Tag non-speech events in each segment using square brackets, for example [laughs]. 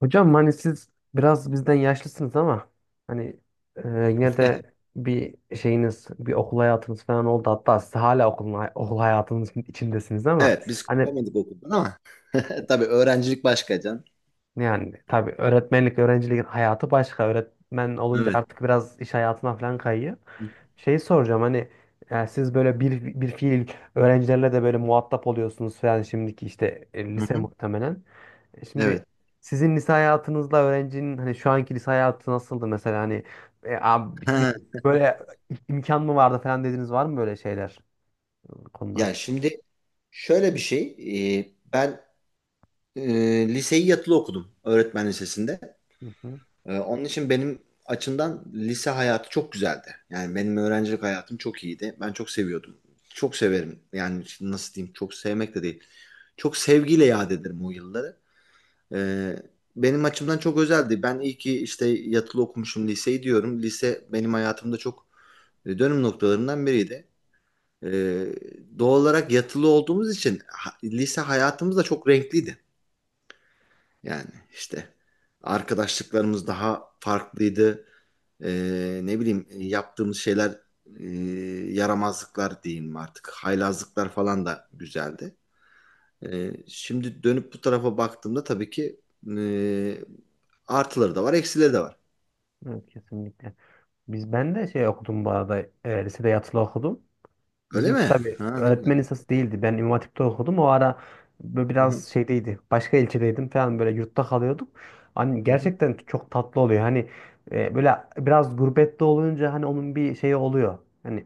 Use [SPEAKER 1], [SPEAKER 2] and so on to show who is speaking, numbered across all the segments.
[SPEAKER 1] Hocam hani siz biraz bizden yaşlısınız ama hani yine de bir şeyiniz, bir okul hayatınız falan oldu. Hatta siz hala okul hayatınız içindesiniz ama
[SPEAKER 2] Evet biz
[SPEAKER 1] hani
[SPEAKER 2] kopamadık okuldan ama [laughs] tabii öğrencilik başka can.
[SPEAKER 1] yani tabii öğretmenlik, öğrencilik hayatı başka. Öğretmen olunca
[SPEAKER 2] Evet.
[SPEAKER 1] artık biraz iş hayatına falan kayıyor.
[SPEAKER 2] Hı hı.
[SPEAKER 1] Şey soracağım hani siz böyle bir fiil öğrencilerle de böyle muhatap oluyorsunuz falan şimdiki işte
[SPEAKER 2] Hı
[SPEAKER 1] lise
[SPEAKER 2] hı.
[SPEAKER 1] muhtemelen. Şimdi
[SPEAKER 2] Evet.
[SPEAKER 1] sizin lise hayatınızla öğrencinin hani şu anki lise hayatı nasıldı mesela hani abi, bir,
[SPEAKER 2] Ha.
[SPEAKER 1] böyle imkan mı vardı falan dediniz var mı böyle şeyler
[SPEAKER 2] Ya
[SPEAKER 1] konular?
[SPEAKER 2] şimdi şöyle bir şey ben e, liseyi yatılı okudum öğretmen lisesinde.
[SPEAKER 1] Hı hı.
[SPEAKER 2] Onun için benim açımdan lise hayatı çok güzeldi. Yani benim öğrencilik hayatım çok iyiydi. Ben çok seviyordum. Çok severim. Yani nasıl diyeyim çok sevmek de değil. Çok sevgiyle yad ederim o yılları. Ee, benim açımdan çok özeldi. Ben iyi ki işte yatılı okumuşum liseyi diyorum. Lise benim hayatımda çok dönüm noktalarından biriydi. Ee, doğal olarak yatılı olduğumuz için lise hayatımız da çok renkliydi. Yani işte arkadaşlıklarımız daha farklıydı. Ne bileyim yaptığımız şeyler e, yaramazlıklar diyeyim artık. Haylazlıklar falan da güzeldi. Şimdi dönüp bu tarafa baktığımda tabii ki e, artıları da var, eksileri de var.
[SPEAKER 1] Evet, kesinlikle. Ben de şey okudum bu arada, lisede yatılı okudum.
[SPEAKER 2] Öyle
[SPEAKER 1] Bizimki
[SPEAKER 2] mi?
[SPEAKER 1] tabii
[SPEAKER 2] Ha, ne güzel.
[SPEAKER 1] öğretmen lisası değildi. Ben İmam Hatip'te okudum. O ara böyle
[SPEAKER 2] Hı hı,
[SPEAKER 1] biraz şeydeydi. Başka ilçedeydim falan böyle yurtta kalıyorduk. Hani
[SPEAKER 2] hı hı,
[SPEAKER 1] gerçekten çok tatlı oluyor. Hani böyle biraz gurbette olunca hani onun bir şeyi oluyor. Hani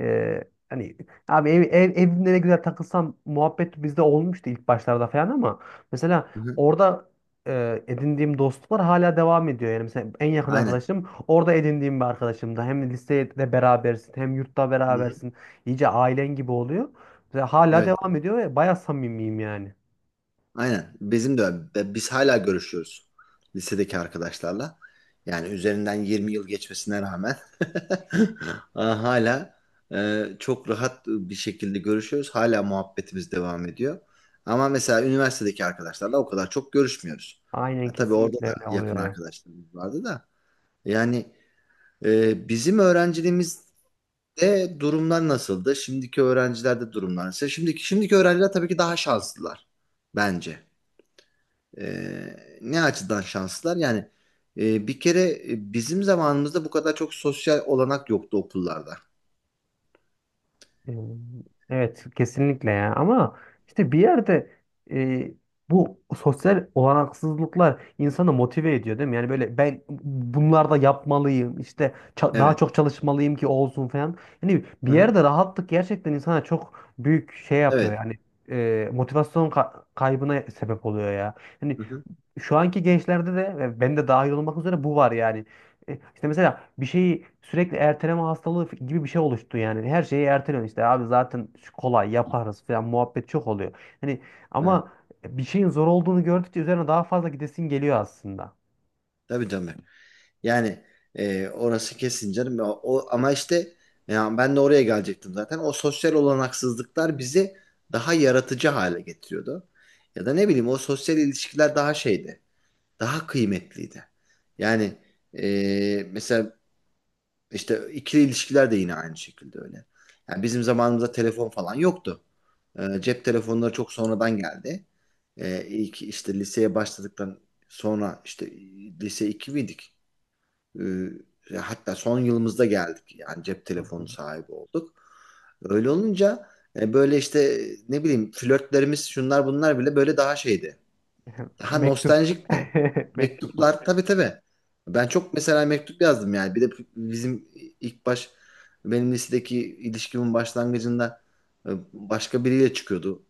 [SPEAKER 1] ee, hani abi evimde ne güzel takılsam muhabbet bizde olmuştu ilk başlarda falan ama mesela
[SPEAKER 2] hı hı.
[SPEAKER 1] orada edindiğim dostluklar hala devam ediyor. Yani mesela en yakın
[SPEAKER 2] Aynen.
[SPEAKER 1] arkadaşım orada edindiğim bir arkadaşım da hem lisede berabersin hem yurtta
[SPEAKER 2] Hı hı.
[SPEAKER 1] berabersin. İyice ailen gibi oluyor. Ve hala
[SPEAKER 2] Evet.
[SPEAKER 1] devam ediyor ve bayağı samimiyim yani.
[SPEAKER 2] Aynen. Bizim de öyle. Biz hala görüşüyoruz lisedeki arkadaşlarla. Yani üzerinden 20 yıl geçmesine rağmen [laughs] hala çok rahat bir şekilde görüşüyoruz. Hala muhabbetimiz devam ediyor. Ama mesela üniversitedeki arkadaşlarla o kadar çok görüşmüyoruz.
[SPEAKER 1] Aynen,
[SPEAKER 2] Ya, tabii orada
[SPEAKER 1] kesinlikle
[SPEAKER 2] da
[SPEAKER 1] öyle oluyor
[SPEAKER 2] yakın
[SPEAKER 1] yani.
[SPEAKER 2] arkadaşlarımız vardı da. Yani bizim öğrenciliğimizde durumlar nasıldı? Şimdiki öğrencilerde durumlar nasıl? Şimdiki öğrenciler tabii ki daha şanslılar bence. Ee, ne açıdan şanslılar? Yani bir kere bizim zamanımızda bu kadar çok sosyal olanak yoktu okullarda.
[SPEAKER 1] Ee, Evet, kesinlikle ya ama işte bir yerde e, bu sosyal olanaksızlıklar insanı motive ediyor değil mi? Yani böyle ben bunlarda yapmalıyım işte daha
[SPEAKER 2] Evet.
[SPEAKER 1] çok çalışmalıyım ki olsun falan. Yani
[SPEAKER 2] Hı
[SPEAKER 1] bir
[SPEAKER 2] hı.
[SPEAKER 1] yerde rahatlık gerçekten insana çok büyük şey yapıyor
[SPEAKER 2] Evet.
[SPEAKER 1] yani, motivasyon kaybına sebep oluyor ya. Yani
[SPEAKER 2] Hı hı.
[SPEAKER 1] şu anki gençlerde de ve ben de dahil olmak üzere bu var yani. İşte mesela bir şeyi sürekli erteleme hastalığı gibi bir şey oluştu yani. Her şeyi erteliyorsun işte abi zaten şu kolay yaparız falan muhabbet çok oluyor. Hani
[SPEAKER 2] Evet.
[SPEAKER 1] ama bir şeyin zor olduğunu gördükçe üzerine daha fazla gidesin geliyor aslında.
[SPEAKER 2] Tabii tabii. Yani orası kesin canım. Ama işte ya ben de oraya gelecektim zaten. O sosyal olanaksızlıklar bizi daha yaratıcı hale getiriyordu. Ya da ne bileyim o sosyal ilişkiler daha şeydi. Daha kıymetliydi. Yani mesela İşte ikili ilişkiler de yine aynı şekilde öyle. Yani bizim zamanımızda telefon falan yoktu. Cep telefonları çok sonradan geldi. İlk işte liseye başladıktan sonra işte lise 2 miydik? Hatta son yılımızda geldik. Yani cep
[SPEAKER 1] [laughs] Hı
[SPEAKER 2] telefonu
[SPEAKER 1] hı.
[SPEAKER 2] sahibi olduk. Öyle olunca böyle işte ne bileyim flörtlerimiz şunlar bunlar bile böyle daha şeydi ha
[SPEAKER 1] Mektup.
[SPEAKER 2] nostaljik de.
[SPEAKER 1] [laughs] Mektuplar.
[SPEAKER 2] Mektuplar tabii tabii. Ben çok mesela mektup yazdım yani. Bir de bizim ilk baş benim lisedeki ilişkimin başlangıcında başka biriyle çıkıyordu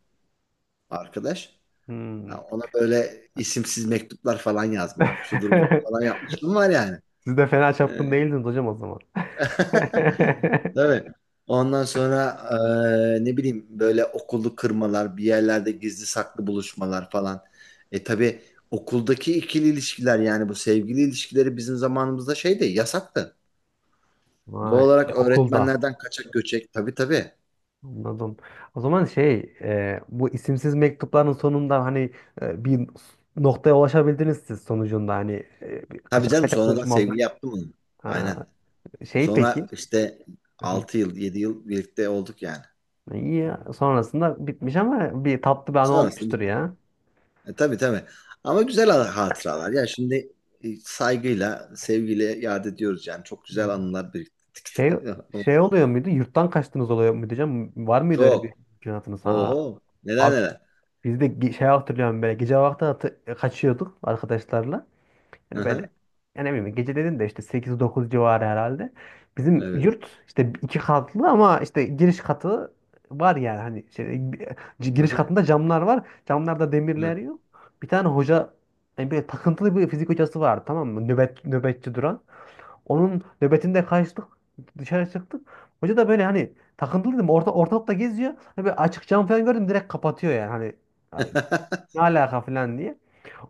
[SPEAKER 2] arkadaş. Ha,
[SPEAKER 1] Hmm.
[SPEAKER 2] ona böyle isimsiz mektuplar falan yazma. Şudur bu falan
[SPEAKER 1] [laughs]
[SPEAKER 2] yapmışlığım var yani.
[SPEAKER 1] Siz de fena çapkın değildiniz hocam o zaman. [laughs]
[SPEAKER 2] Değil mi? Ondan sonra ne bileyim böyle okullu kırmalar, bir yerlerde gizli saklı buluşmalar falan. Tabii okuldaki ikili ilişkiler yani bu sevgili ilişkileri bizim zamanımızda şeydi, yasaktı.
[SPEAKER 1] Vay.
[SPEAKER 2] Doğal olarak
[SPEAKER 1] Şey, okulda.
[SPEAKER 2] öğretmenlerden kaçak göçek. Tabii tabii.
[SPEAKER 1] Anladım. O zaman şey, bu isimsiz mektupların sonunda hani bir noktaya ulaşabildiniz siz sonucunda hani bir
[SPEAKER 2] Tabii
[SPEAKER 1] kaçak
[SPEAKER 2] canım
[SPEAKER 1] kaçak
[SPEAKER 2] sonradan
[SPEAKER 1] buluşma oldu.
[SPEAKER 2] sevgili yaptım onu.
[SPEAKER 1] Ha,
[SPEAKER 2] Aynen.
[SPEAKER 1] şey
[SPEAKER 2] Sonra
[SPEAKER 1] peki.
[SPEAKER 2] işte
[SPEAKER 1] Hı hı.
[SPEAKER 2] 6 yıl, 7 yıl birlikte olduk yani.
[SPEAKER 1] İyi ya. Sonrasında bitmiş ama bir tatlı bir anı
[SPEAKER 2] Sonrasında
[SPEAKER 1] olmuştur
[SPEAKER 2] bir
[SPEAKER 1] ya.
[SPEAKER 2] Tabii tabii. Ama güzel hatıralar. Ya şimdi saygıyla, sevgiyle yad ediyoruz yani. Çok
[SPEAKER 1] Hı.
[SPEAKER 2] güzel anılar
[SPEAKER 1] Şey
[SPEAKER 2] biriktirdik. [laughs]
[SPEAKER 1] şey oluyor muydu? Yurttan kaçtınız oluyor muydu canım? Var mıydı öyle bir
[SPEAKER 2] Çok.
[SPEAKER 1] mümkünatınız? Ha,
[SPEAKER 2] Oho. Neler
[SPEAKER 1] abi
[SPEAKER 2] neler.
[SPEAKER 1] biz de şey hatırlıyorum, böyle gece vakti kaçıyorduk arkadaşlarla. Yani
[SPEAKER 2] Hı.
[SPEAKER 1] böyle yani ne bileyim gece dedin de işte 8-9 civarı herhalde. Bizim
[SPEAKER 2] Evet.
[SPEAKER 1] yurt işte 2 katlı ama işte giriş katı var yani hani şey, giriş
[SPEAKER 2] Hı-hı.
[SPEAKER 1] katında camlar var. Camlarda demirler
[SPEAKER 2] Evet.
[SPEAKER 1] yok. Bir tane hoca yani böyle takıntılı bir fizik hocası vardı, tamam mı? Nöbetçi duran. Onun nöbetinde kaçtık, dışarı çıktık. Hoca da böyle hani takıntılı dedim, ortalıkta geziyor. Hani böyle açık cam falan gördüm direkt kapatıyor yani hani, "Ya
[SPEAKER 2] [laughs]
[SPEAKER 1] ne alaka" falan diye.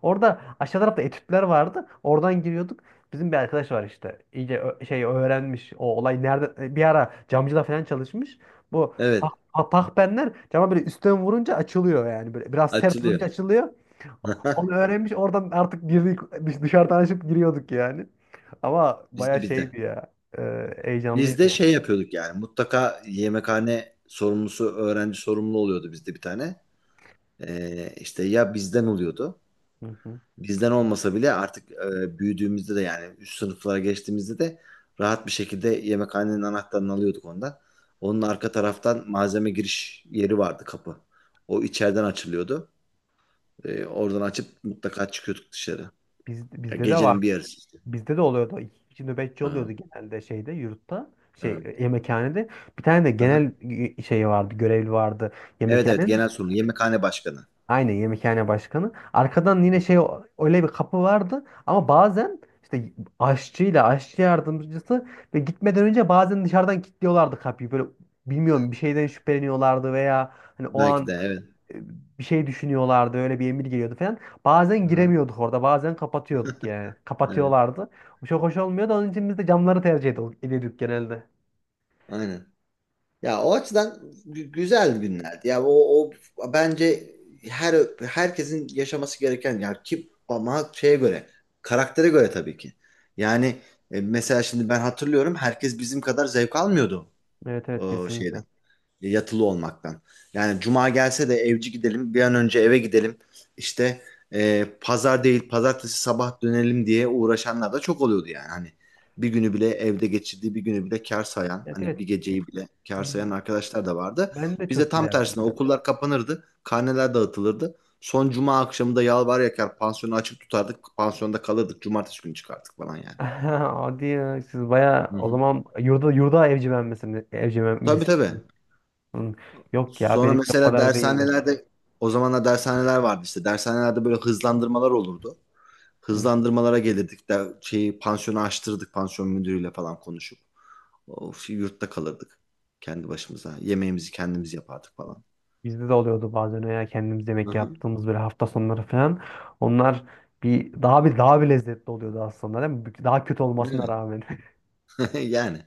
[SPEAKER 1] Orada aşağı tarafta etütler vardı. Oradan giriyorduk. Bizim bir arkadaş var işte. İyice şey öğrenmiş. O olay nerede, bir ara camcıda falan çalışmış. Bu
[SPEAKER 2] Evet.
[SPEAKER 1] pahpenler cama böyle üstten vurunca açılıyor yani. Böyle biraz sert
[SPEAKER 2] Açılıyor.
[SPEAKER 1] vurunca açılıyor. Onu öğrenmiş. Oradan artık girdik, dışarıdan açıp giriyorduk yani. Ama baya
[SPEAKER 2] Bizde bizde. Biz de
[SPEAKER 1] şeydi ya. E,
[SPEAKER 2] Biz
[SPEAKER 1] heyecanlıydı
[SPEAKER 2] de
[SPEAKER 1] ya.
[SPEAKER 2] şey yapıyorduk yani. Mutlaka yemekhane sorumlusu, öğrenci sorumlu oluyordu bizde bir tane. İşte ya bizden oluyordu.
[SPEAKER 1] Hı hı.
[SPEAKER 2] Bizden olmasa bile artık büyüdüğümüzde de yani üst sınıflara geçtiğimizde de rahat bir şekilde yemekhanenin anahtarını alıyorduk ondan. Onun arka taraftan malzeme giriş yeri vardı kapı. O içeriden açılıyordu. Oradan açıp mutlaka çıkıyorduk dışarı.
[SPEAKER 1] Biz,
[SPEAKER 2] Ya
[SPEAKER 1] bizde de var.
[SPEAKER 2] gecenin bir yarısı işte.
[SPEAKER 1] Bizde de oluyordu. İki kişi nöbetçi
[SPEAKER 2] Aha,
[SPEAKER 1] oluyordu genelde şeyde, yurtta. Şey
[SPEAKER 2] evet.
[SPEAKER 1] yemekhanede. Bir tane de
[SPEAKER 2] Aha.
[SPEAKER 1] genel şeyi vardı. Görevli vardı.
[SPEAKER 2] Evet evet
[SPEAKER 1] Yemekhanenin.
[SPEAKER 2] genel sorun. Yemekhane başkanı.
[SPEAKER 1] Aynen, yemekhane başkanı. Arkadan yine şey öyle bir kapı vardı. Ama bazen işte aşçıyla aşçı yardımcısı ve gitmeden önce bazen dışarıdan kilitliyorlardı kapıyı. Böyle bilmiyorum, bir şeyden şüpheleniyorlardı veya hani o
[SPEAKER 2] Belki de
[SPEAKER 1] an
[SPEAKER 2] evet.
[SPEAKER 1] bir şey düşünüyorlardı. Öyle bir emir geliyordu falan. Bazen
[SPEAKER 2] Aha,
[SPEAKER 1] giremiyorduk orada. Bazen kapatıyorduk yani.
[SPEAKER 2] evet.
[SPEAKER 1] Kapatıyorlardı. Bu çok hoş olmuyordu. Onun için biz de camları tercih ediyorduk genelde.
[SPEAKER 2] Aynen. Ya o açıdan güzel günlerdi. Ya o bence her herkesin yaşaması gereken ya ki ama şeye göre, karaktere göre tabii ki. Yani mesela şimdi ben hatırlıyorum herkes bizim kadar zevk almıyordu
[SPEAKER 1] Evet, evet,
[SPEAKER 2] o şeyden
[SPEAKER 1] kesinlikle.
[SPEAKER 2] yatılı olmaktan. Yani cuma gelse de evci gidelim, bir an önce eve gidelim. İşte pazar değil, pazartesi sabah dönelim diye uğraşanlar da çok oluyordu yani. Hani bir günü bile evde geçirdiği bir günü bile kâr sayan,
[SPEAKER 1] Evet,
[SPEAKER 2] hani
[SPEAKER 1] evet.
[SPEAKER 2] bir geceyi bile kâr
[SPEAKER 1] Biz-
[SPEAKER 2] sayan arkadaşlar da vardı.
[SPEAKER 1] Ben de
[SPEAKER 2] Bizde
[SPEAKER 1] çok
[SPEAKER 2] tam
[SPEAKER 1] giderdim
[SPEAKER 2] tersine
[SPEAKER 1] yani.
[SPEAKER 2] okullar kapanırdı, karneler dağıtılırdı. Son cuma akşamı da yalvar yakar pansiyonu açık tutardık, pansiyonda kalırdık, cumartesi günü çıkardık falan yani.
[SPEAKER 1] [laughs] Hadi ya, siz baya
[SPEAKER 2] Hı
[SPEAKER 1] o
[SPEAKER 2] hı.
[SPEAKER 1] zaman yurda evcimen misiniz? Evcimen
[SPEAKER 2] Tabii
[SPEAKER 1] mis-
[SPEAKER 2] tabii.
[SPEAKER 1] Hı. Yok ya,
[SPEAKER 2] Sonra
[SPEAKER 1] benimki o
[SPEAKER 2] mesela
[SPEAKER 1] kadar değildi.
[SPEAKER 2] dershanelerde o zamanlar dershaneler vardı işte. Dershanelerde böyle hızlandırmalar olurdu.
[SPEAKER 1] Hı.
[SPEAKER 2] Hızlandırmalara gelirdik de şeyi pansiyonu açtırdık pansiyon müdürüyle falan konuşup. Of, yurtta kalırdık kendi başımıza. Yemeğimizi kendimiz yapardık falan.
[SPEAKER 1] Bizde de oluyordu bazen ya, kendimiz
[SPEAKER 2] Hı
[SPEAKER 1] yemek
[SPEAKER 2] hı.
[SPEAKER 1] yaptığımız böyle hafta sonları falan. Onlar bir lezzetli oluyordu aslında değil mi? Daha kötü olmasına rağmen.
[SPEAKER 2] [laughs] Yani.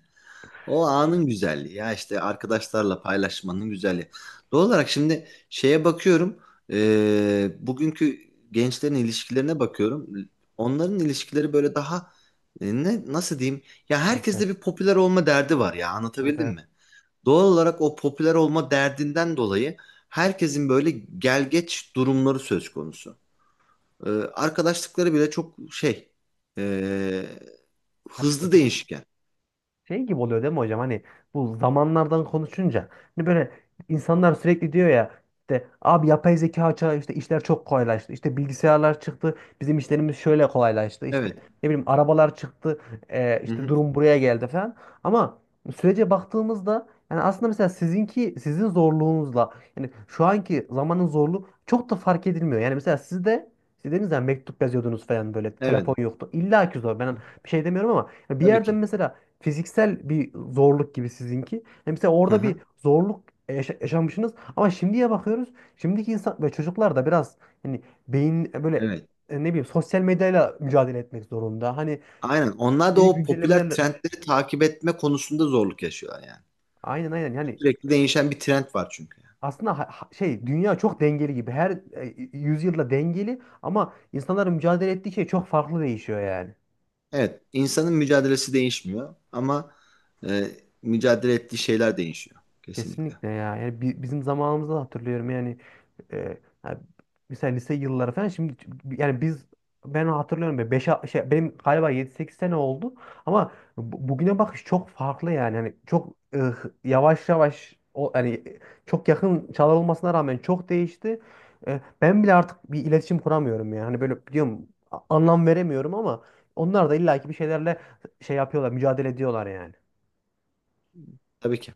[SPEAKER 2] O anın güzelliği ya işte arkadaşlarla paylaşmanın güzelliği. Doğal olarak şimdi şeye bakıyorum bugünkü gençlerin ilişkilerine bakıyorum. Onların ilişkileri böyle daha ne nasıl diyeyim ya
[SPEAKER 1] [laughs]
[SPEAKER 2] herkeste bir popüler olma derdi var ya anlatabildim
[SPEAKER 1] Evet.
[SPEAKER 2] mi? Doğal olarak o popüler olma derdinden dolayı herkesin böyle gelgeç durumları söz konusu. Arkadaşlıkları bile çok şey e, hızlı
[SPEAKER 1] Evet.
[SPEAKER 2] değişken.
[SPEAKER 1] Şey gibi oluyor değil mi hocam? Hani bu zamanlardan konuşunca hani böyle insanlar sürekli diyor ya, işte abi yapay zeka çağı, işte işler çok kolaylaştı. İşte bilgisayarlar çıktı. Bizim işlerimiz şöyle kolaylaştı. İşte
[SPEAKER 2] Evet.
[SPEAKER 1] ne bileyim arabalar çıktı. E,
[SPEAKER 2] Hı
[SPEAKER 1] işte
[SPEAKER 2] hı.
[SPEAKER 1] durum buraya geldi falan. Ama sürece baktığımızda yani aslında mesela sizinki, sizin zorluğunuzla yani şu anki zamanın zorluğu çok da fark edilmiyor. Yani mesela siz dediniz ya mektup yazıyordunuz falan, böyle telefon
[SPEAKER 2] Evet.
[SPEAKER 1] yoktu. İlla ki zor. Ben bir şey demiyorum ama bir
[SPEAKER 2] Tabii
[SPEAKER 1] yerden
[SPEAKER 2] ki.
[SPEAKER 1] mesela fiziksel bir zorluk gibi sizinki. Yani mesela
[SPEAKER 2] Hı
[SPEAKER 1] orada bir
[SPEAKER 2] hı.
[SPEAKER 1] zorluk yaşamışsınız ama şimdiye bakıyoruz. Şimdiki insan ve çocuklar da biraz hani beyin böyle
[SPEAKER 2] Evet.
[SPEAKER 1] ne bileyim sosyal medyayla mücadele etmek zorunda. Hani
[SPEAKER 2] Aynen. Onlar da
[SPEAKER 1] yeni
[SPEAKER 2] o popüler
[SPEAKER 1] güncellemelerle,
[SPEAKER 2] trendleri takip etme konusunda zorluk yaşıyorlar yani.
[SPEAKER 1] aynen aynen yani
[SPEAKER 2] Sürekli değişen bir trend var çünkü, yani.
[SPEAKER 1] aslında şey dünya çok dengeli gibi. Her yüzyılda dengeli ama insanların mücadele ettiği şey çok farklı değişiyor yani.
[SPEAKER 2] Evet. insanın mücadelesi değişmiyor ama e, mücadele ettiği şeyler değişiyor. Kesinlikle.
[SPEAKER 1] Kesinlikle ya. Yani bizim zamanımızda da hatırlıyorum yani, e, ha, mesela lise yılları falan şimdi yani ben hatırlıyorum, beş şey benim galiba 7-8 sene oldu ama bugüne bakış çok farklı yani. Hani çok yavaş yavaş o hani çok yakın çalınmasına rağmen çok değişti. Ben bile artık bir iletişim kuramıyorum yani. Hani böyle diyorum, anlam veremiyorum ama onlar da illaki bir şeylerle şey yapıyorlar, mücadele ediyorlar yani.
[SPEAKER 2] Tabii ki.